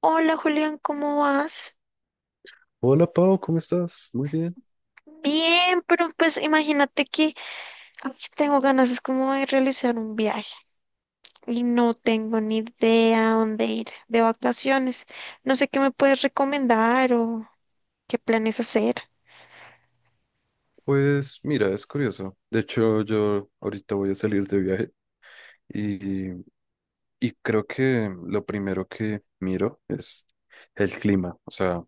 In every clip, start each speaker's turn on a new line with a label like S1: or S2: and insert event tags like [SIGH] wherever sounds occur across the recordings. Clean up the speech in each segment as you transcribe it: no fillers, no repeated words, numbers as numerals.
S1: Hola Julián, ¿cómo vas?
S2: Hola Pau, ¿cómo estás? Muy bien.
S1: Bien, pero pues imagínate que ay, tengo ganas, es como de realizar un viaje y no tengo ni idea a dónde ir de vacaciones. No sé qué me puedes recomendar o qué planes hacer.
S2: Pues mira, es curioso. De hecho, yo ahorita voy a salir de viaje y, y creo que lo primero que miro es el clima. O sea,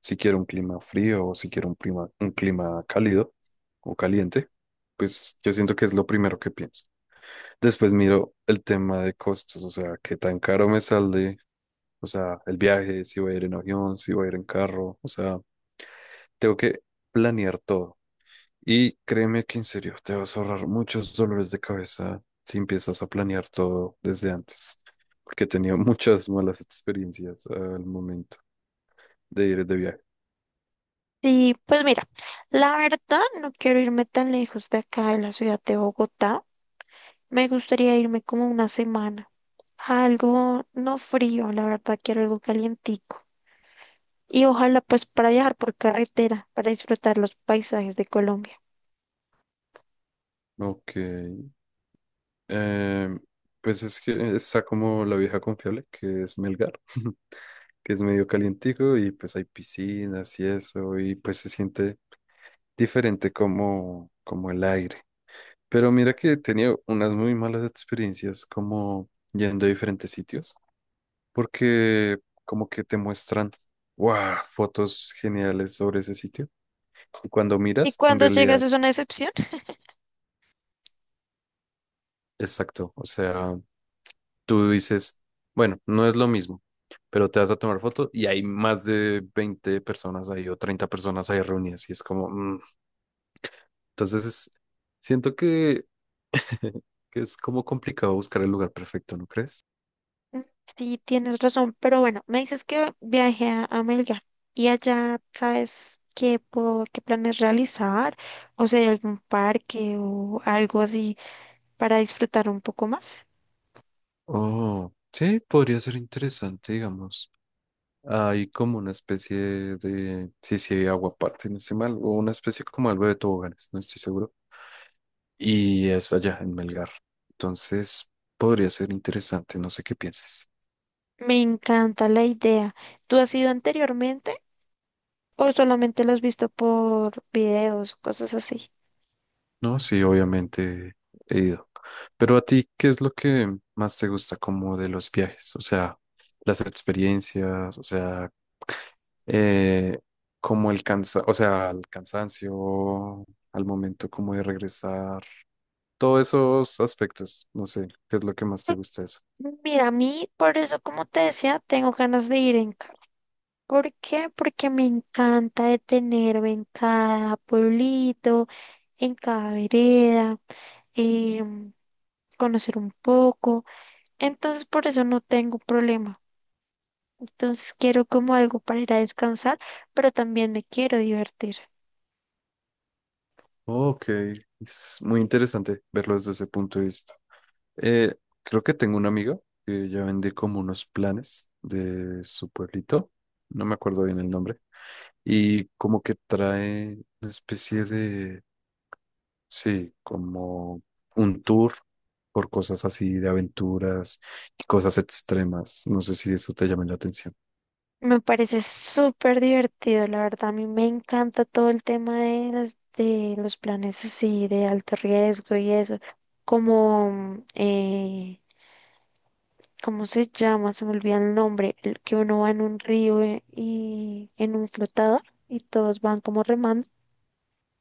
S2: si quiero un clima frío o si quiero un clima cálido o caliente, pues yo siento que es lo primero que pienso. Después miro el tema de costos, o sea, qué tan caro me sale, o sea, el viaje, si voy a ir en avión, si voy a ir en carro, o sea, tengo que planear todo. Y créeme que en serio te vas a ahorrar muchos dolores de cabeza si empiezas a planear todo desde antes, porque he tenido [LAUGHS] muchas malas experiencias al momento de ir de viaje.
S1: Y pues mira, la verdad no quiero irme tan lejos de acá, de la ciudad de Bogotá. Me gustaría irme como una semana, algo no frío, la verdad quiero algo calientico. Y ojalá pues para viajar por carretera, para disfrutar los paisajes de Colombia.
S2: Ok, em, pues es que está como la vieja confiable, que es Melgar, [LAUGHS] que es medio calientico y pues hay piscinas y eso, y pues se siente diferente como, como el aire. Pero mira que he tenido unas muy malas experiencias como yendo a diferentes sitios. Porque como que te muestran, wow, fotos geniales sobre ese sitio. Y cuando
S1: Y
S2: miras, en
S1: cuando llegas
S2: realidad,
S1: es una excepción.
S2: exacto, o sea, tú dices, bueno, no es lo mismo, pero te vas a tomar foto y hay más de 20 personas ahí o 30 personas ahí reunidas y es como, Entonces es- siento que, [LAUGHS] que es como complicado buscar el lugar perfecto, ¿no crees?
S1: Mm, sí, tienes razón, pero bueno, me dices que viaje a Melgar y allá sabes qué planes realizar, o sea, algún parque o algo así para disfrutar un poco más.
S2: Oh, sí, podría ser interesante, digamos. Hay como una especie de, sí, sí, hay agua aguaparte, no estoy mal, o una especie como algo de toboganes, no estoy seguro. Y es allá, en Melgar. Entonces, podría ser interesante, no sé qué pienses.
S1: Me encanta la idea. ¿Tú has ido anteriormente o solamente lo has visto por videos, o cosas así?
S2: No, sí, obviamente he ido. Pero a ti, ¿qué es lo que más te gusta como de los viajes? O sea, las experiencias, o sea, eh, como o sea, el cansancio, al momento como de regresar. Todos esos aspectos, no sé, ¿qué es lo que más te gusta de eso?
S1: Mira, a mí, por eso, como te decía, tengo ganas de ir en carro. ¿Por qué? Porque me encanta detenerme en cada pueblito, en cada vereda, em, conocer un poco. Entonces por eso no tengo problema. Entonces quiero como algo para ir a descansar, pero también me quiero divertir.
S2: Ok, es muy interesante verlo desde ese punto de vista. Eh, creo que tengo una amiga que ella vende como unos planes de su pueblito, no me acuerdo bien el nombre, y como que trae una especie de, sí, como un tour por cosas así de aventuras y cosas extremas. No sé si eso te llama la atención.
S1: Me parece súper divertido, la verdad. A mí me encanta todo el tema de las, de los planes así de alto riesgo y eso, como ¿cómo se llama? Se me olvida el nombre, el que uno va en un río y en un flotador y todos van como remando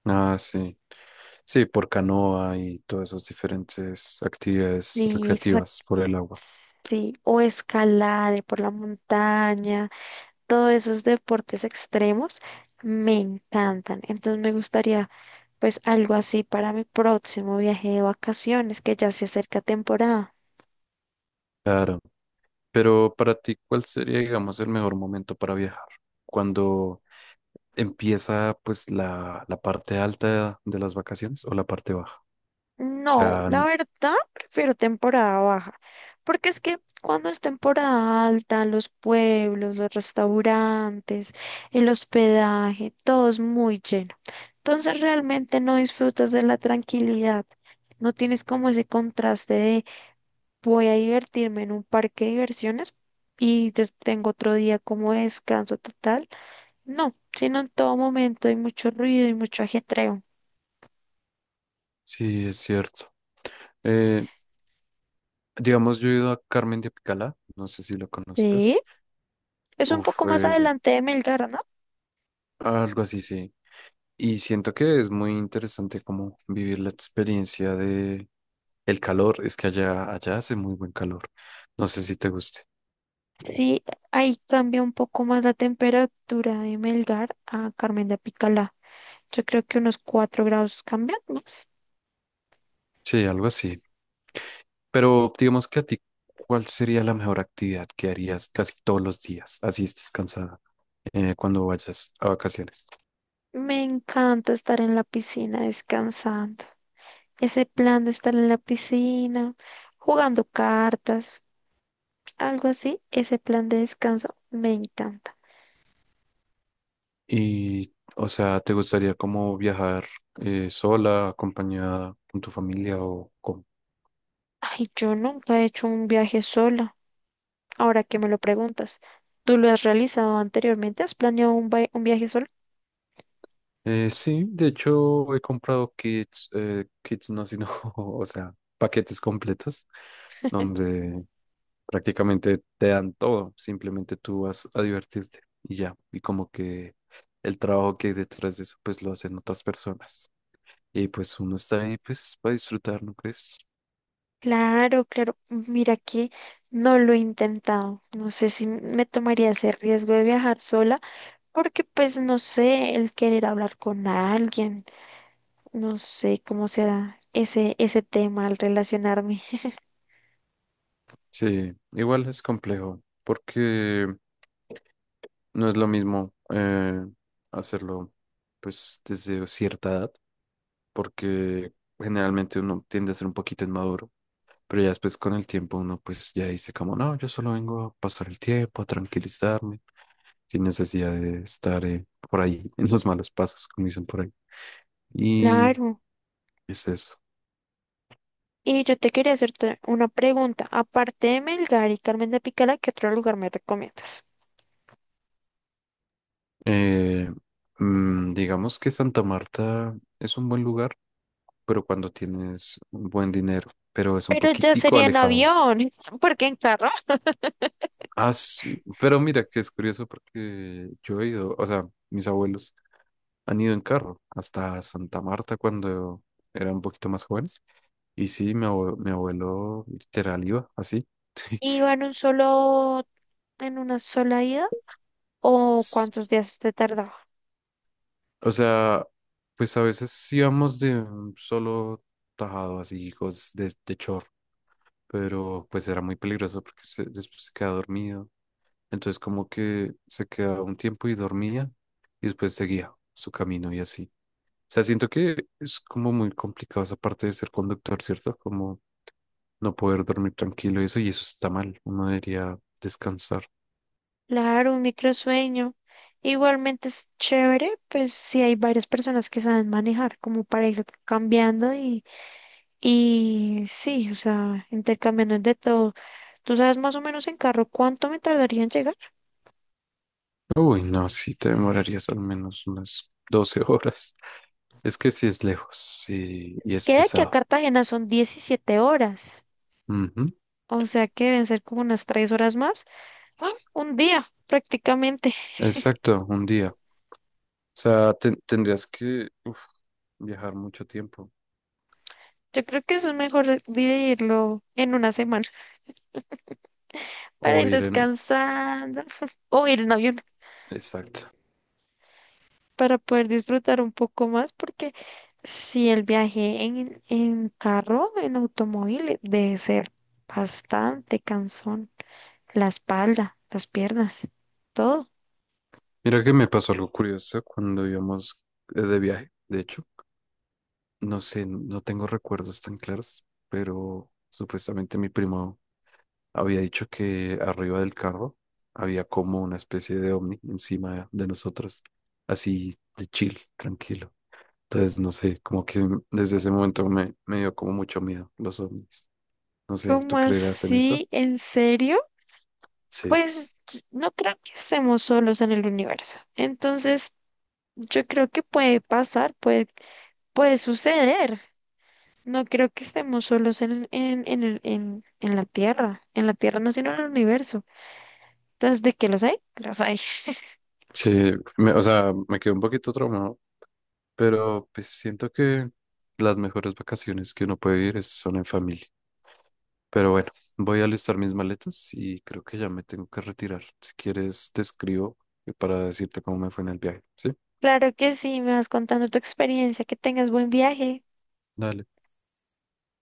S2: Ah, sí. Sí, por canoa y todas esas diferentes actividades
S1: y se sac-
S2: recreativas por el agua.
S1: sí, o escalar por la montaña, todos esos deportes extremos me encantan. Entonces me gustaría pues algo así para mi próximo viaje de vacaciones que ya se acerca temporada.
S2: Claro. Pero para ti, ¿cuál sería, digamos, el mejor momento para viajar? ¿Cuando empieza, pues, la parte alta de las vacaciones o la parte baja? O
S1: No,
S2: sea,
S1: la
S2: n-
S1: verdad prefiero temporada baja, porque es que cuando es temporada alta, los pueblos, los restaurantes, el hospedaje, todo es muy lleno. Entonces realmente no disfrutas de la tranquilidad, no tienes como ese contraste de voy a divertirme en un parque de diversiones y tengo otro día como descanso total. No, sino en todo momento hay mucho ruido y mucho ajetreo.
S2: sí, es cierto. Eh, digamos, yo he ido a Carmen de Apicalá, no sé si lo
S1: Sí,
S2: conozcas.
S1: es un
S2: Uf,
S1: poco más
S2: eh,
S1: adelante de Melgar, ¿no?
S2: algo así, sí. Y siento que es muy interesante como vivir la experiencia. El calor, es que allá hace muy buen calor. No sé si te guste.
S1: Sí, ahí cambia un poco más la temperatura de Melgar a Carmen de Apicalá. Yo creo que unos 4 grados cambian más.
S2: Sí, algo así. Pero digamos que a ti, ¿cuál sería la mejor actividad que harías casi todos los días? Así estés cansada cuando vayas a vacaciones.
S1: Me encanta estar en la piscina descansando. Ese plan de estar en la piscina, jugando cartas, algo así, ese plan de descanso me encanta.
S2: Y, o sea, ¿te gustaría como viajar sola, acompañada con tu familia o con...
S1: Ay, yo nunca he hecho un viaje sola. Ahora que me lo preguntas, ¿tú lo has realizado anteriormente? ¿Has planeado un viaje sola?
S2: Sí, de hecho he comprado kits, kits no, sino, [LAUGHS] o sea, paquetes completos donde prácticamente te dan todo, simplemente tú vas a divertirte y ya. Y como que el trabajo que hay detrás de eso, pues lo hacen otras personas. Y pues uno está ahí, pues, para disfrutar, ¿no crees?
S1: Claro, claro. Mira que no lo he intentado. No sé si me tomaría ese riesgo de viajar sola, porque pues no sé, el querer hablar con alguien, no sé cómo será ese tema al relacionarme. [LAUGHS]
S2: Sí, igual es complejo, porque no es lo mismo hacerlo, pues, desde cierta edad, porque generalmente uno tiende a ser un poquito inmaduro. Pero ya después con el tiempo uno pues ya dice como, no, yo solo vengo a pasar el tiempo, a tranquilizarme, sin necesidad de estar por ahí en los malos pasos, como dicen por ahí. Y
S1: Claro.
S2: es eso.
S1: Y yo te quería hacerte una pregunta. Aparte de Melgar y Carmen de Picala, ¿qué otro lugar me recomiendas?
S2: Eh, digamos que Santa Marta es un buen lugar, pero cuando tienes un buen dinero, pero es un
S1: Pero ya
S2: poquitico
S1: sería en
S2: alejado.
S1: avión, [LAUGHS] porque en carro
S2: Ah, sí, pero mira que es curioso porque yo he ido, o sea, mis abuelos han ido en carro hasta Santa Marta cuando eran un poquito más jóvenes. Y sí, mi abuelo literal iba así.
S1: iba en un solo, en una sola ida, ¿o cuántos días te tardaba?
S2: O sea, pues a veces íbamos de un solo tajado, así, hijos de chor, pero pues era muy peligroso porque después se quedaba dormido. Entonces como que se quedaba un tiempo y dormía y después seguía su camino y así. O sea, siento que es como muy complicado esa parte de ser conductor, ¿cierto? Como no poder dormir tranquilo y eso está mal. Uno debería descansar.
S1: Claro, un microsueño. Igualmente es chévere, pues si hay varias personas que saben manejar, como para ir cambiando y sí, o sea, intercambiando de todo. ¿Tú sabes más o menos en carro cuánto me tardaría en llegar?
S2: Uy, no, sí, te demorarías al menos unas 12 [LAUGHS] horas. Es que sí es lejos y
S1: Es
S2: es
S1: que de aquí a
S2: pesado.
S1: Cartagena son 17 horas,
S2: Ujú.
S1: o sea que deben ser como unas 3 horas más. ¡Ah! Un día, prácticamente. [LAUGHS]
S2: Exacto, un día. O sea, tendrías que uf, viajar mucho tiempo
S1: Yo creo que eso es mejor dividirlo en una semana para
S2: o
S1: ir
S2: ir en...
S1: descansando [LAUGHS] o ir en avión.
S2: Exacto.
S1: Para poder disfrutar un poco más, porque si el viaje en carro, en automóvil, debe ser bastante cansón. La espalda, las piernas, todo.
S2: Mira que me pasó algo curioso cuando íbamos de viaje, de hecho. No sé, no tengo recuerdos tan claros, pero supuestamente mi primo había dicho que arriba del carro había como una especie de ovni encima de nosotros, así de chill, tranquilo. Entonces, no sé, como que desde ese momento me dio como mucho miedo los ovnis. No sé, ¿tú
S1: ¿Cómo
S2: creerás en eso?
S1: así? ¿En serio?
S2: Sí.
S1: Pues no creo que estemos solos en el universo. Entonces, yo creo que puede pasar, puede suceder. No creo que estemos solos en la Tierra. En la Tierra no, sino en el universo. Entonces de qué los hay, los hay.
S2: Sí, o sea, me quedé un poquito traumado, pero pues siento que las mejores vacaciones que uno puede ir son en familia. Pero bueno, voy a alistar mis maletas y creo que ya me tengo que retirar. Si quieres, te escribo para decirte cómo me fue en el viaje, ¿sí?
S1: Claro que sí, me vas contando tu experiencia, que tengas buen viaje.
S2: Dale.